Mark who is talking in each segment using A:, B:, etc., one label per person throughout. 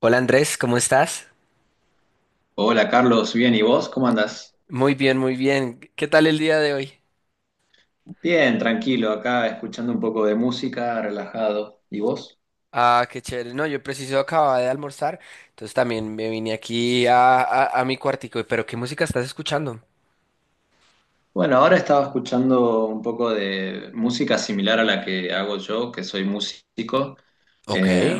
A: Hola Andrés, ¿cómo estás?
B: Hola Carlos, bien, ¿y vos? ¿Cómo andás?
A: Muy bien, muy bien. ¿Qué tal el día de hoy?
B: Bien, tranquilo, acá escuchando un poco de música, relajado. ¿Y vos?
A: Ah, qué chévere. No, yo preciso acababa de almorzar, entonces también me vine aquí a mi cuartico. Pero ¿qué música estás escuchando?
B: Bueno, ahora estaba escuchando un poco de música similar a la que hago yo, que soy músico,
A: Ok.
B: eh,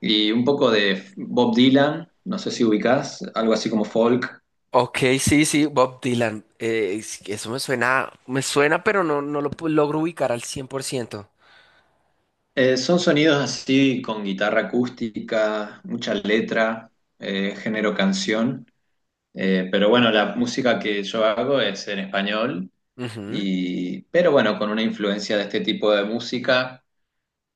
B: y un poco de Bob Dylan, no sé si ubicás, algo así como folk.
A: Ok, sí, sí, Bob Dylan. Eso me suena, pero no, no logro ubicar al cien por ciento.
B: Son sonidos así con guitarra acústica, mucha letra, género canción. Pero bueno, la música que yo hago es en español,
A: Ujú.
B: y, pero bueno, con una influencia de este tipo de música,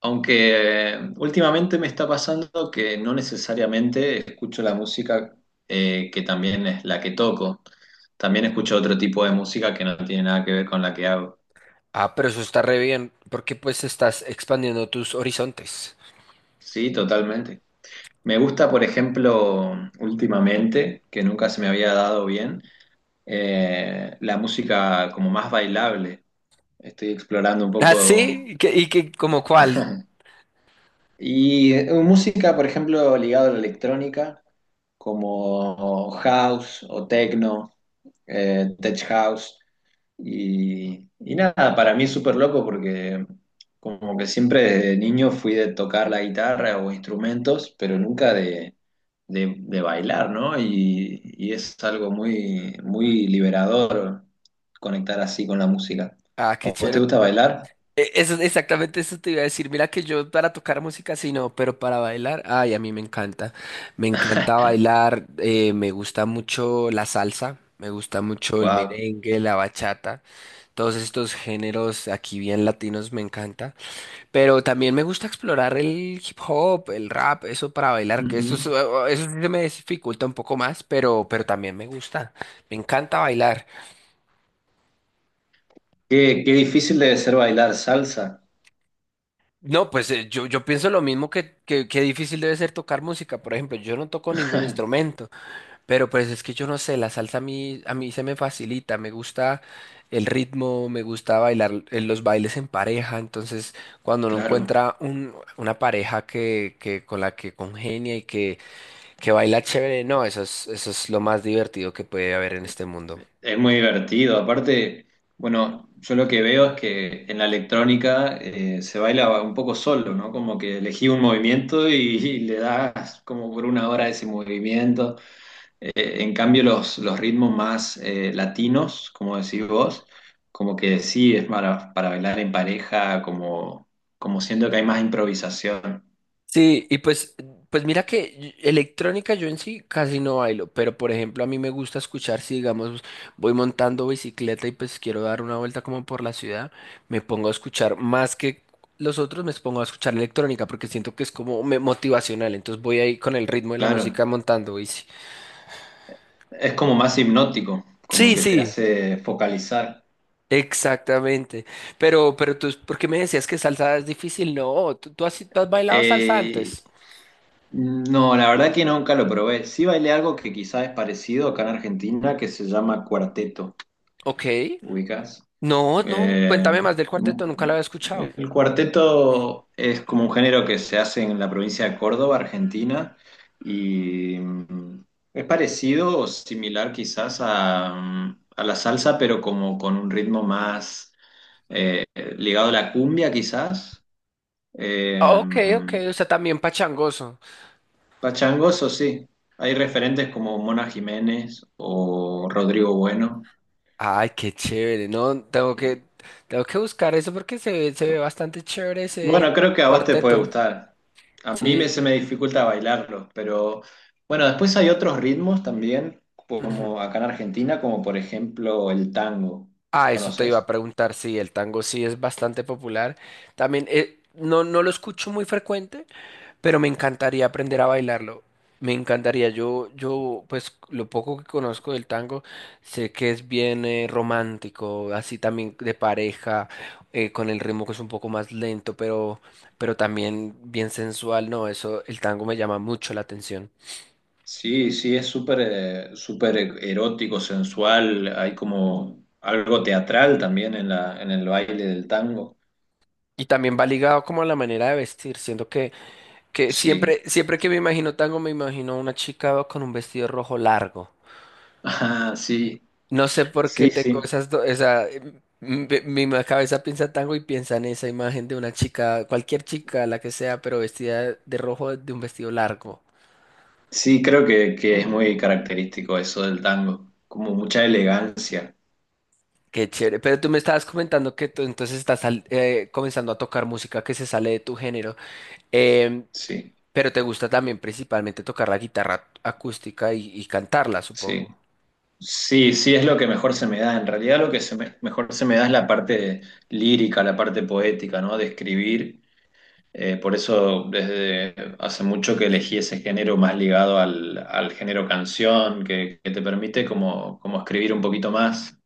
B: aunque últimamente me está pasando que no necesariamente escucho la música que también es la que toco, también escucho otro tipo de música que no tiene nada que ver con la que hago.
A: Ah, pero eso está re bien, porque pues estás expandiendo tus horizontes.
B: Sí, totalmente. Me gusta, por ejemplo, últimamente, que nunca se me había dado bien, la música como más bailable. Estoy explorando un
A: Ah, sí,
B: poco.
A: ¿ como cuál?
B: Y música, por ejemplo, ligada a la electrónica, como house o techno, tech house. Y nada, para mí es súper loco porque como que siempre desde niño fui de tocar la guitarra o instrumentos, pero nunca de, de bailar, ¿no? Y es algo muy, muy liberador conectar así con la música.
A: Ah, qué
B: ¿A vos te
A: chévere.
B: gusta bailar?
A: Eso, exactamente eso te iba a decir. Mira que yo para tocar música sí no, pero para bailar, ay, a mí me encanta. Me encanta bailar, me gusta mucho la salsa, me gusta mucho el
B: Wow.
A: merengue, la bachata, todos estos géneros aquí bien latinos me encanta. Pero también me gusta explorar el hip hop, el rap, eso para bailar,
B: Ujú.
A: eso sí se me dificulta un poco más, pero también me gusta. Me encanta bailar.
B: Qué, qué difícil debe ser bailar salsa.
A: No, pues yo, yo pienso lo mismo que difícil debe ser tocar música. Por ejemplo, yo no toco ningún instrumento, pero pues es que yo no sé, la salsa a mí se me facilita, me gusta el ritmo, me gusta bailar los bailes en pareja. Entonces, cuando uno
B: Claro,
A: encuentra una pareja que con la que congenia y que baila chévere, no, eso es lo más divertido que puede haber en este mundo.
B: es muy divertido. Aparte, bueno, yo lo que veo es que en la electrónica se baila un poco solo, ¿no? Como que elegí un movimiento y le das como por una hora ese movimiento. En cambio, los, ritmos más latinos, como decís vos, como que sí es para bailar en pareja, como, como siento que hay más improvisación.
A: Sí, y pues, pues mira que electrónica yo en sí casi no bailo, pero por ejemplo a mí me gusta escuchar si digamos voy montando bicicleta y pues quiero dar una vuelta como por la ciudad, me pongo a escuchar más que los otros, me pongo a escuchar electrónica porque siento que es como motivacional, entonces voy ahí con el ritmo de la
B: Claro.
A: música montando bici.
B: Es como más hipnótico, como
A: Sí,
B: que te
A: sí,
B: hace focalizar.
A: exactamente. Pero tú, ¿por qué me decías que salsa es difícil? No, tú, tú has bailado salsa
B: Eh,
A: antes.
B: no, la verdad que nunca lo probé. Sí bailé algo que quizás es parecido acá en Argentina, que se llama cuarteto,
A: Ok.
B: ¿ubicas?
A: No, no,
B: Eh,
A: cuéntame más del cuarteto, nunca lo había escuchado.
B: el cuarteto es como un género que se hace en la provincia de Córdoba, Argentina, y es parecido o similar quizás a, a la salsa, pero como con un ritmo más... eh, ligado a la cumbia quizás.
A: Ah,
B: Eh,
A: Ok, ok, o sea, también pachangoso.
B: pachangos, o sí. Hay referentes como Mona Jiménez o Rodrigo Bueno.
A: Ay, qué chévere, no,
B: Y,
A: tengo que buscar eso porque se ve bastante chévere ese
B: bueno, creo que a vos te puede
A: cuarteto.
B: gustar. A mí me,
A: Sí.
B: se me dificulta bailarlos, pero bueno, después hay otros ritmos también,
A: Ujú.
B: como acá en Argentina, como por ejemplo el tango.
A: Ah, eso te iba a
B: ¿Conoces?
A: preguntar, sí, el tango sí es bastante popular. También, no, no lo escucho muy frecuente, pero me encantaría aprender a bailarlo. Me encantaría. Pues lo poco que conozco del tango, sé que es bien romántico, así también de pareja, con el ritmo que es un poco más lento, pero también bien sensual. No, eso, el tango me llama mucho la atención.
B: Sí, sí, es súper súper erótico, sensual, hay como algo teatral también en la, en el baile del tango.
A: Y también va ligado como a la manera de vestir, siento que
B: Sí,
A: siempre, siempre que me imagino tango, me imagino a una chica con un vestido rojo largo.
B: ah, sí,
A: No sé por qué
B: sí,
A: tengo
B: sí.
A: esas dos, esa, mi, cabeza piensa tango y piensa en esa imagen de una chica, cualquier chica, la que sea, pero vestida de rojo de un vestido largo.
B: Sí, creo que es muy característico eso del tango, como mucha elegancia.
A: Qué chévere. Pero tú me estabas comentando que tú entonces estás comenzando a tocar música que se sale de tu género, Em,
B: Sí,
A: pero te gusta también principalmente tocar la guitarra acústica y cantarla, supongo.
B: sí. Sí, sí, es lo que mejor se me da. En realidad lo que mejor se me da es la parte lírica, la parte poética, ¿no? De escribir. Por eso desde hace mucho que elegí ese género más ligado al, al género canción, que te permite como, como escribir un poquito más.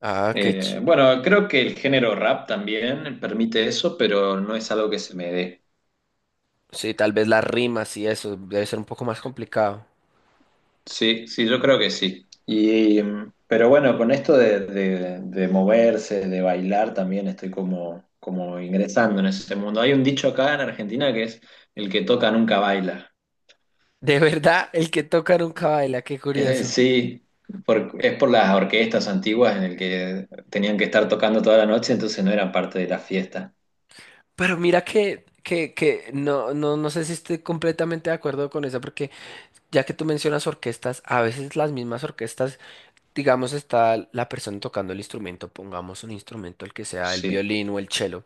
A: Ah, qué chévere.
B: Bueno, creo que el género rap también permite eso, pero no es algo que se me dé.
A: Sí, tal vez las rimas y eso debe ser un poco más complicado.
B: Sí, sí, yo creo que sí. Y, pero bueno, con esto de, de moverse, de bailar, también estoy como, como ingresando en ese mundo. Hay un dicho acá en Argentina que es, el que toca nunca baila.
A: De verdad, el que toca nunca baila, qué curioso.
B: Sí, por- es por las orquestas antiguas en el que tenían que estar tocando toda la noche, entonces no eran parte de la fiesta.
A: Pero mira que no, no, no sé si estoy completamente de acuerdo con eso, porque ya que tú mencionas orquestas, a veces las mismas orquestas, digamos, está la persona tocando el instrumento, pongamos un instrumento, el que sea el
B: Sí,
A: violín o el cello.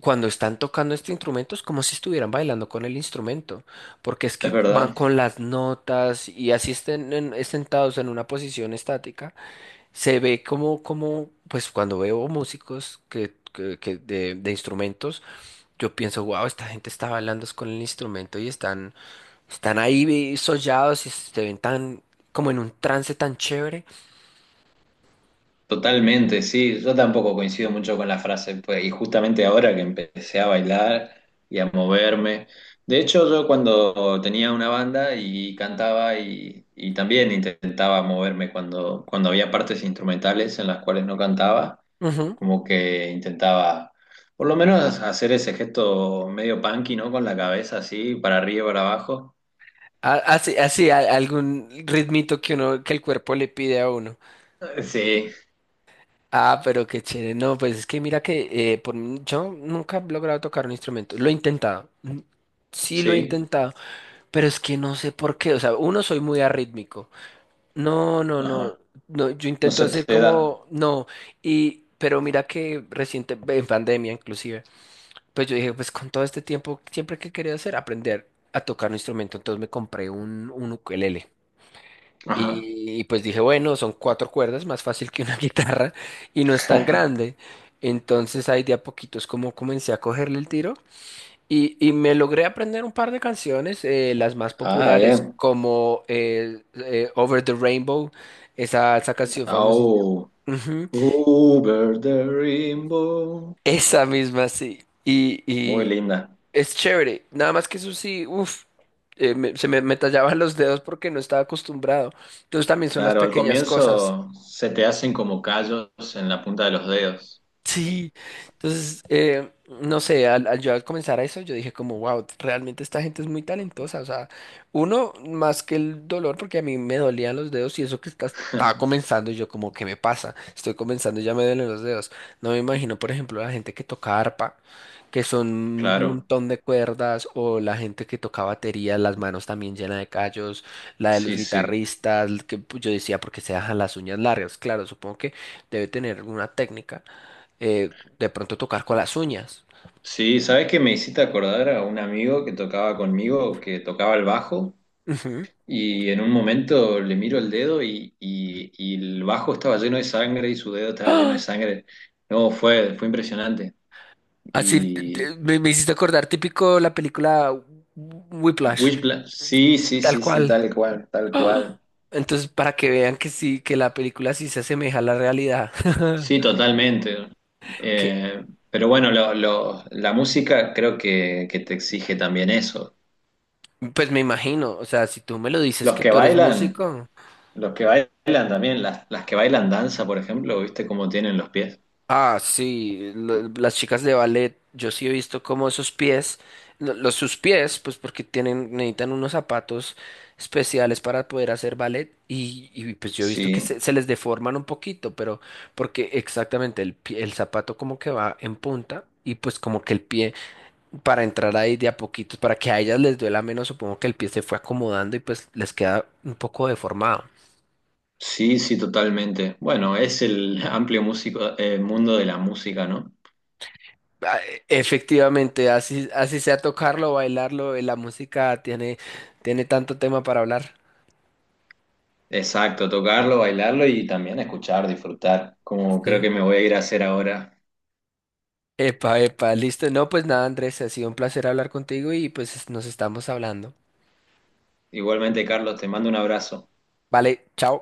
A: Cuando están tocando este instrumento es como si estuvieran bailando con el instrumento, porque es
B: es
A: que van
B: verdad.
A: con las notas y así estén sentados en una posición estática se ve como, como, pues cuando veo músicos que, de instrumentos, yo pienso, wow, esta gente está bailando es con el instrumento y están, están ahí sollados y se ven tan, como en un trance tan chévere.
B: Totalmente, sí. Yo tampoco coincido mucho con la frase, pues, y justamente ahora que empecé a bailar y a moverme. De hecho, yo cuando tenía una banda y cantaba y también intentaba moverme cuando, cuando había partes instrumentales en las cuales no cantaba.
A: Ujú.
B: Como que intentaba, por lo menos, hacer ese gesto medio punky, ¿no? Con la cabeza así, para arriba y para abajo.
A: Así, así, algún ritmito que uno, que el cuerpo le pide a uno.
B: Sí,
A: Ah, pero qué chévere. No, pues es que mira que por, yo nunca he logrado tocar un instrumento. Lo he intentado. Mm, sí lo he
B: sí.
A: intentado. Pero es que no sé por qué. O sea, uno soy muy arrítmico. No, no, no,
B: Ajá.
A: no, yo
B: No
A: intento
B: se
A: hacer
B: te da.
A: como, no, y, pero mira que reciente, en pandemia inclusive, pues yo dije, pues con todo este tiempo, siempre que quería hacer, aprender a tocar un instrumento, entonces me compré un ukelele.
B: Ajá.
A: Y pues dije, bueno, son cuatro cuerdas, más fácil que una guitarra, y no es tan grande. Entonces ahí de a poquitos como comencé a cogerle el tiro. Y me logré aprender un par de canciones, las más
B: Ah,
A: populares,
B: bien.
A: como Over the Rainbow, esa canción famosísima.
B: Oh,
A: Ujú,
B: over the rainbow.
A: esa misma, sí.
B: Muy
A: Y
B: linda.
A: es chévere. Nada más que eso sí, uff, me tallaban los dedos porque no estaba acostumbrado. Entonces también son las
B: Claro, al
A: pequeñas cosas.
B: comienzo se te hacen como callos en la punta de los dedos.
A: Sí, entonces, no sé, al yo al comenzar a eso, yo dije como, wow, realmente esta gente es muy talentosa, o sea, uno, más que el dolor, porque a mí me dolían los dedos y eso que estaba comenzando, y yo como, ¿qué me pasa? Estoy comenzando y ya me duelen los dedos. No me imagino, por ejemplo, la gente que toca arpa, que son un
B: Claro,
A: montón de cuerdas, o la gente que toca batería, las manos también llenas de callos, la de los
B: sí, sí.
A: guitarristas, que pues, yo decía, porque se dejan las uñas largas, claro, supongo que debe tener alguna técnica de pronto tocar con las uñas.
B: Sí, ¿sabes qué me hiciste acordar a un amigo que tocaba conmigo, que tocaba el bajo?
A: Ujú.
B: Y en un momento le miro el dedo y, y el bajo estaba lleno de sangre y su dedo estaba lleno de
A: ¡Ah!
B: sangre. No, fue, fue impresionante.
A: Así
B: Y
A: me, me hiciste acordar, típico la película Whiplash,
B: Wishpla- sí, sí,
A: tal
B: sí, sí,
A: cual.
B: tal cual, tal
A: ¡Ah!
B: cual.
A: Entonces, para que vean que sí, que la película sí se asemeja a la realidad.
B: Sí, totalmente.
A: Que,
B: Eh, pero bueno, la música creo que te exige también eso.
A: pues me imagino, o sea, si tú me lo dices
B: Los
A: que
B: que
A: tú eres
B: bailan,
A: músico.
B: los que bailan también, las que bailan danza, por ejemplo, ¿viste cómo tienen los pies?
A: Ah, sí, las chicas de ballet, yo sí he visto cómo esos pies, los sus pies, pues porque tienen, necesitan unos zapatos especiales para poder hacer ballet y pues yo he visto que se,
B: Sí.
A: se les deforman un poquito, pero porque exactamente el zapato como que va en punta y pues como que el pie para entrar ahí de a poquitos, para que a ellas les duela menos, supongo que el pie se fue acomodando y pues les queda un poco deformado.
B: Sí, sí, totalmente. Bueno, es el amplio músico, mundo de la música, ¿no?
A: Ah, efectivamente, así, así sea tocarlo, bailarlo, la música tiene, tiene tanto tema para hablar.
B: Exacto, tocarlo, bailarlo y también escuchar, disfrutar, como creo que
A: Sí.
B: me voy a ir a hacer ahora.
A: Epa, epa, listo. No, pues nada, Andrés, ha sido un placer hablar contigo y pues nos estamos hablando.
B: Igualmente, Carlos, te mando un abrazo.
A: Vale, chao.